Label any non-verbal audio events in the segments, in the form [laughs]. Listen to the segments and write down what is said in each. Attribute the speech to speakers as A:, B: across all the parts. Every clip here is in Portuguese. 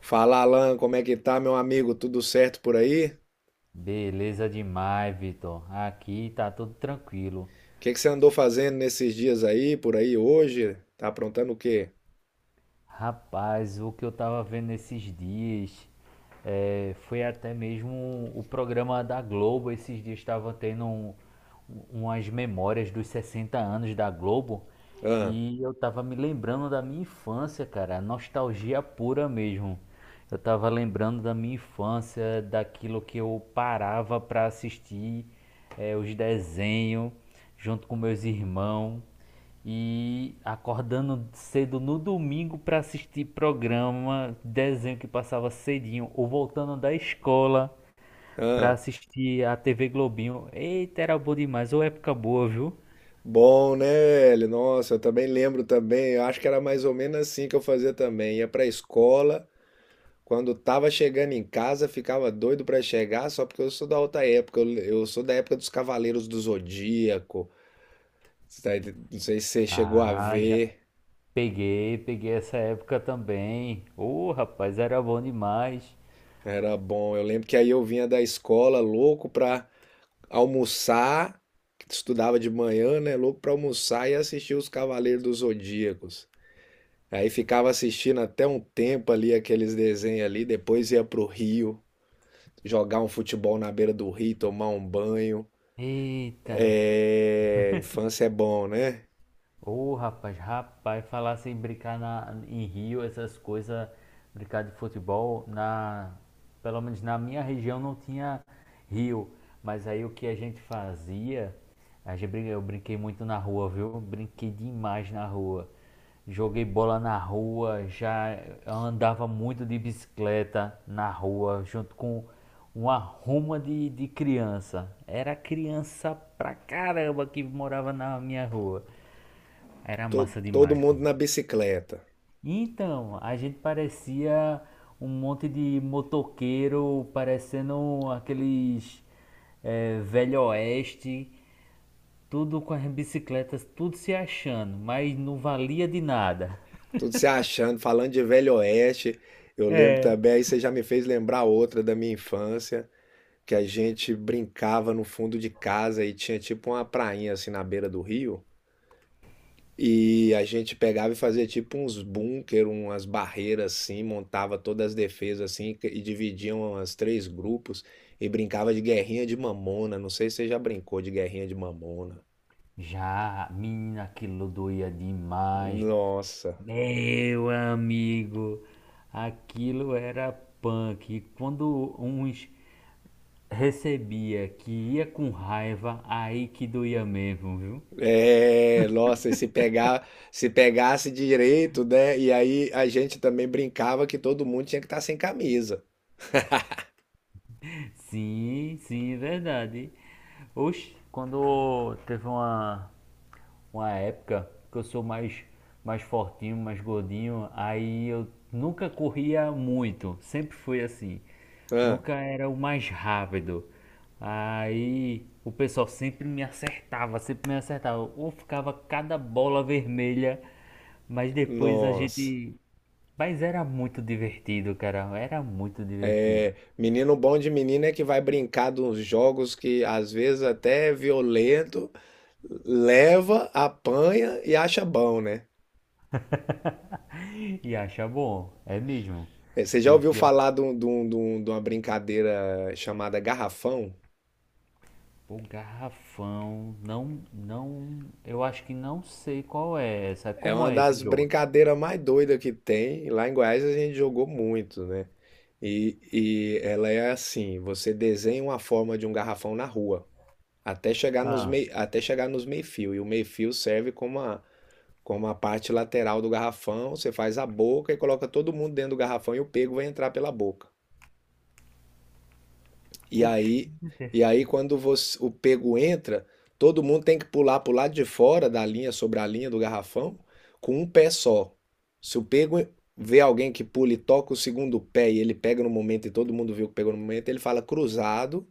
A: Fala, Alan, como é que tá, meu amigo? Tudo certo por aí? O
B: Beleza demais, Vitor. Aqui tá tudo tranquilo.
A: que que você andou fazendo nesses dias aí, por aí hoje? Tá aprontando o quê?
B: Rapaz, o que eu tava vendo esses dias foi até mesmo o programa da Globo. Esses dias estava tendo umas memórias dos 60 anos da Globo
A: Ah,
B: e eu tava me lembrando da minha infância, cara, nostalgia pura mesmo. Eu tava lembrando da minha infância, daquilo que eu parava pra assistir, os desenhos, junto com meus irmãos, e acordando cedo no domingo pra assistir programa, desenho que passava cedinho, ou voltando da escola pra
A: ah.
B: assistir a TV Globinho. Eita, era bom demais. Ou época boa, viu?
A: Bom, né, velho? Nossa, eu também lembro também. Eu acho que era mais ou menos assim que eu fazia também. Ia pra escola, quando tava chegando em casa, ficava doido pra chegar, só porque eu sou da outra época. Eu sou da época dos Cavaleiros do Zodíaco. Você tá não sei se você chegou a
B: Ah, já
A: ver.
B: peguei essa época também. Ô, rapaz, era bom demais.
A: Era bom. Eu lembro que aí eu vinha da escola louco pra almoçar, que estudava de manhã, né? Louco para almoçar e assistir os Cavaleiros dos Zodíacos. Aí ficava assistindo até um tempo ali aqueles desenhos ali, depois ia pro Rio, jogar um futebol na beira do rio, tomar um banho.
B: Eita.
A: É, infância é bom, né?
B: Ô, rapaz, falar sem brincar em Rio, essas coisas, brincar de futebol, na, pelo menos na minha região não tinha rio, mas aí o que a gente fazia, a gente eu brinquei muito na rua, viu? Brinquei demais na rua. Joguei bola na rua, já andava muito de bicicleta na rua, junto com uma ruma de criança. Era criança pra caramba que morava na minha rua. Era massa
A: Todo
B: demais,
A: mundo
B: mano.
A: na bicicleta,
B: Então, a gente parecia um monte de motoqueiro, parecendo aqueles velho oeste, tudo com as bicicletas, tudo se achando, mas não valia de nada.
A: tudo se achando, falando de Velho Oeste. Eu lembro
B: É.
A: também, aí você já me fez lembrar outra da minha infância. Que a gente brincava no fundo de casa e tinha tipo uma prainha assim na beira do rio. E a gente pegava e fazia tipo uns bunker, umas barreiras assim, montava todas as defesas assim e dividiam as três grupos e brincava de guerrinha de mamona. Não sei se você já brincou de guerrinha de mamona.
B: Já, menina, aquilo doía demais.
A: Nossa,
B: Meu amigo, aquilo era punk. E quando uns recebia que ia com raiva, aí que doía mesmo, viu?
A: é, nossa, e se pegar, se pegasse direito, né? E aí a gente também brincava que todo mundo tinha que estar sem camisa.
B: Sim, sim, é verdade. Oxe, quando teve uma época que eu sou mais, mais fortinho, mais gordinho, aí eu nunca corria muito, sempre foi assim.
A: Ah,
B: Nunca era o mais rápido. Aí o pessoal sempre me acertava, sempre me acertava. Ou ficava cada bola vermelha, mas depois a
A: nossa.
B: gente. Mas era muito divertido, cara, era muito divertido.
A: Menino bom de menina é que vai brincar de uns jogos que às vezes até é violento, leva, apanha e acha bom, né?
B: E acha bom, é mesmo.
A: Você já
B: E o
A: ouviu
B: pior,
A: falar de uma brincadeira chamada garrafão?
B: o garrafão, não, eu acho que não sei qual é essa,
A: É
B: como
A: uma
B: é esse
A: das
B: jogo?
A: brincadeiras mais doidas que tem. Lá em Goiás a gente jogou muito, né? E ela é assim: você desenha uma forma de um garrafão na rua, até chegar nos
B: Ah,
A: meio, até chegar nos meio-fio. E o meio-fio serve como a. Como a parte lateral do garrafão, você faz a boca e coloca todo mundo dentro do garrafão e o pego vai entrar pela boca. E
B: oxe,
A: aí, e aí quando o pego entra, todo mundo tem que pular para o lado de fora da linha, sobre a linha do garrafão, com um pé só. Se o pego vê alguém que pula e toca o segundo pé e ele pega no momento e todo mundo viu que pegou no momento, ele fala cruzado.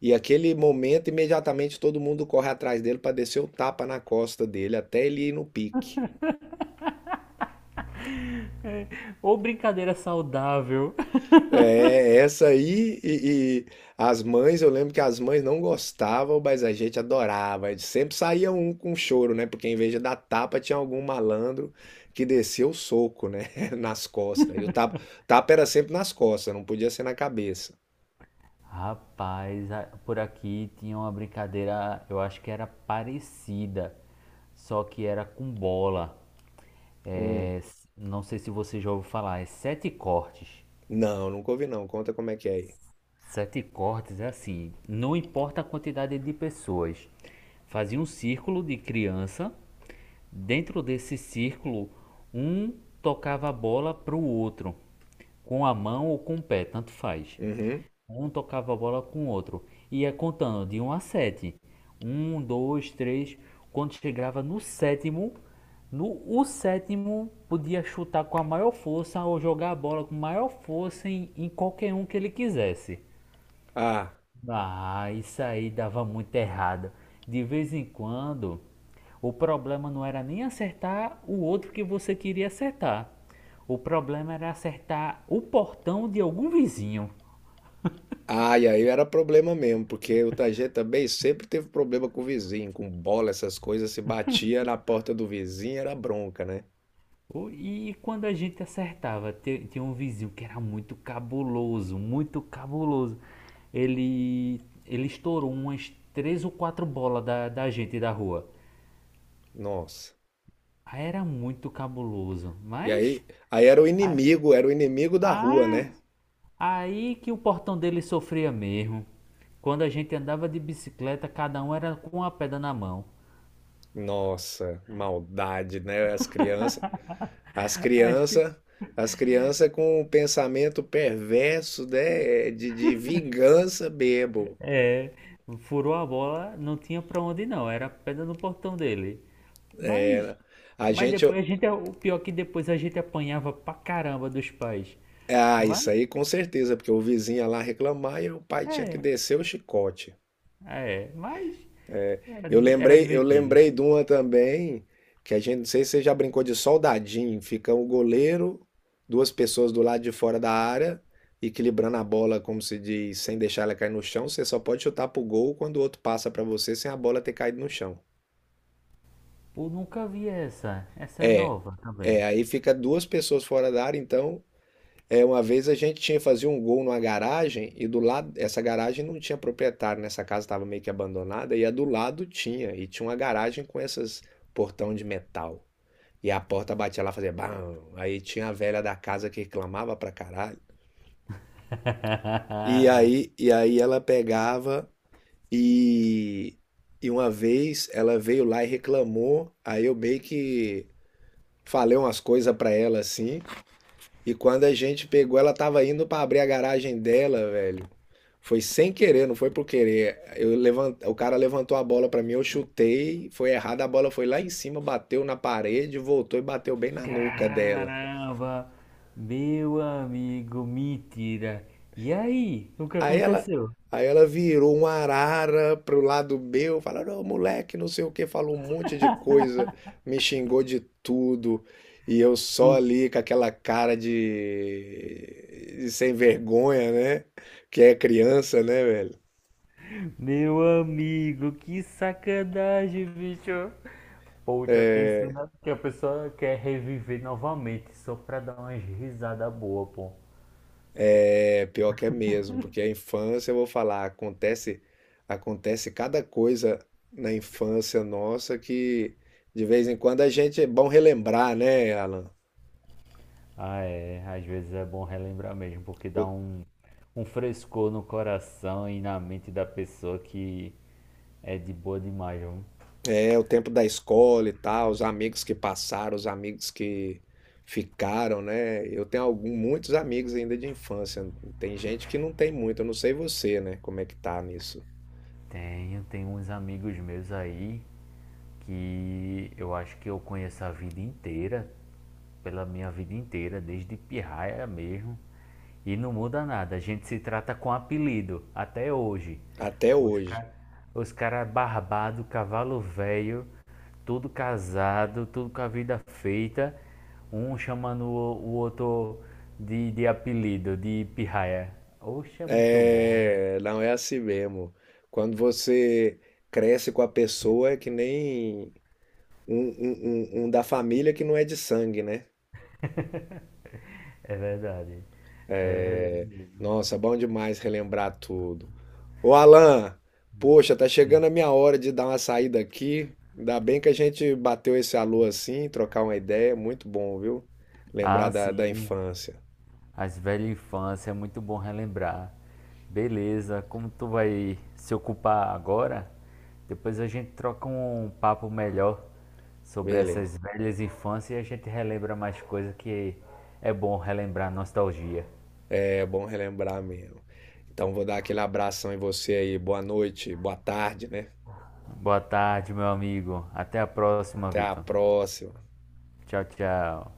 A: E aquele momento, imediatamente todo mundo corre atrás dele para descer o tapa na costa dele até ele ir no pique.
B: ou brincadeira saudável.
A: É, essa aí e as mães, eu lembro que as mães não gostavam, mas a gente adorava. Sempre saía um com choro, né? Porque em vez de dar tapa, tinha algum malandro que descia o soco, né? [laughs] Nas costas. E o tapa, tapa era sempre nas costas, não podia ser na cabeça.
B: Rapaz, por aqui tinha uma brincadeira, eu acho que era parecida, só que era com bola.
A: Hum.
B: É, não sei se você já ouviu falar, é sete cortes.
A: Não, nunca ouvi não. Conta como é que é aí.
B: Sete cortes é assim, não importa a quantidade de pessoas. Fazia um círculo de criança, dentro desse círculo, um tocava a bola para o outro, com a mão ou com o pé, tanto faz.
A: Uhum.
B: Um tocava a bola com o outro, ia contando de um a sete. Um, dois, três. Quando chegava no sétimo, no o sétimo podia chutar com a maior força ou jogar a bola com maior força em qualquer um que ele quisesse.
A: Ah.
B: Ah, isso aí dava muito errado. De vez em quando, o problema não era nem acertar o outro que você queria acertar. O problema era acertar o portão de algum vizinho.
A: Ah, e aí era problema mesmo, porque o Tajeta também sempre teve problema com o vizinho, com bola, essas coisas, se batia na porta do vizinho, era bronca, né?
B: E quando a gente acertava, tinha um vizinho que era muito cabuloso, muito cabuloso. Ele, ele estourou umas três ou quatro bolas da gente da rua.
A: Nossa.
B: Aí era muito cabuloso,
A: E
B: mas.
A: aí, aí era o inimigo da rua,
B: Ah,
A: né?
B: aí que o portão dele sofria mesmo. Quando a gente andava de bicicleta, cada um era com uma pedra na mão.
A: Nossa, maldade, né? As crianças, as
B: [laughs] Acho que
A: crianças, as crianças com o pensamento perverso, né? De vingança bebo.
B: é, furou a bola, não tinha pra onde não, era pedra no portão dele. Mas,
A: É, a
B: mas
A: gente,
B: depois a gente, o pior é que depois a gente apanhava pra caramba dos pais.
A: ah,
B: Mas,
A: isso aí com certeza, porque o vizinho ia lá reclamar e o pai tinha que
B: é,
A: descer o chicote.
B: mas era, era
A: Eu
B: divertido.
A: lembrei de uma também, que a gente, não sei se você já brincou de soldadinho, fica o goleiro, duas pessoas do lado de fora da área, equilibrando a bola, como se diz, sem deixar ela cair no chão, você só pode chutar pro gol quando o outro passa pra você sem a bola ter caído no chão.
B: Pô, nunca vi essa, essa é
A: É,
B: nova também.
A: é, aí fica duas pessoas fora da área, então, é, uma vez a gente tinha fazer um gol numa garagem e do lado, essa garagem não tinha proprietário, nessa casa estava meio que abandonada e a do lado tinha, e tinha uma garagem com esses portão de metal. E a porta batia lá, fazia bam. Aí tinha a velha da casa que reclamava pra caralho.
B: [laughs]
A: E aí ela pegava e, e uma vez ela veio lá e reclamou. Aí eu meio que falei umas coisas pra ela assim. E quando a gente pegou, ela tava indo pra abrir a garagem dela, velho. Foi sem querer, não foi por querer. Eu o cara levantou a bola pra mim, eu chutei, foi errado, a bola foi lá em cima, bateu na parede, voltou e bateu bem na nuca dela.
B: Caramba, meu amigo, mentira. E aí, o que
A: Aí ela,
B: aconteceu?
A: aí ela virou uma arara pro lado meu, falando, "Ô, moleque, não sei o que", falou um monte de coisa, me xingou de tudo. E eu só
B: Hum,
A: ali com aquela cara de sem vergonha, né? Que é criança, né, velho?
B: Meu amigo, que sacanagem, bicho. Poxa, tem cena que a pessoa quer reviver novamente só pra dar umas risadas boas, pô.
A: É pior que é mesmo, porque a infância, eu vou falar, acontece, acontece cada coisa na infância nossa que de vez em quando a gente é bom relembrar, né, Alan?
B: Ah, é, às vezes é bom relembrar mesmo, porque dá um frescor no coração e na mente da pessoa que é de boa demais, viu?
A: É o tempo da escola e tal, os amigos que passaram, os amigos que ficaram, né? Eu tenho algum, muitos amigos ainda de infância. Tem gente que não tem muito, eu não sei você, né? Como é que tá nisso?
B: Tenho, tenho uns amigos meus aí que eu acho que eu conheço a vida inteira, pela minha vida inteira, desde pirraia mesmo, e não muda nada. A gente se trata com apelido até hoje.
A: Até
B: Os
A: hoje.
B: caras os cara barbado, cavalo velho, tudo casado, tudo com a vida feita, um chamando o outro de apelido, de pirraia. Oxe, é muito bom.
A: É, não é assim mesmo. Quando você cresce com a pessoa, é que nem um, um da família que não é de sangue, né?
B: É verdade, é verdade mesmo.
A: Nossa, bom demais relembrar tudo. Ô Alan, poxa, tá chegando a minha hora de dar uma saída aqui. Ainda bem que a gente bateu esse alô assim, trocar uma ideia, muito bom, viu? Lembrar
B: Ah,
A: da
B: sim.
A: infância.
B: As velhas infância, é muito bom relembrar. Beleza, como tu vai se ocupar agora? Depois a gente troca um papo melhor sobre
A: Beleza,
B: essas velhas infâncias e a gente relembra mais coisas que é bom relembrar nostalgia.
A: é bom relembrar mesmo. Então vou dar aquele abração em você aí. Boa noite, boa tarde, né?
B: Boa tarde, meu amigo. Até a próxima,
A: Até a
B: Vitor.
A: próxima.
B: Tchau, tchau.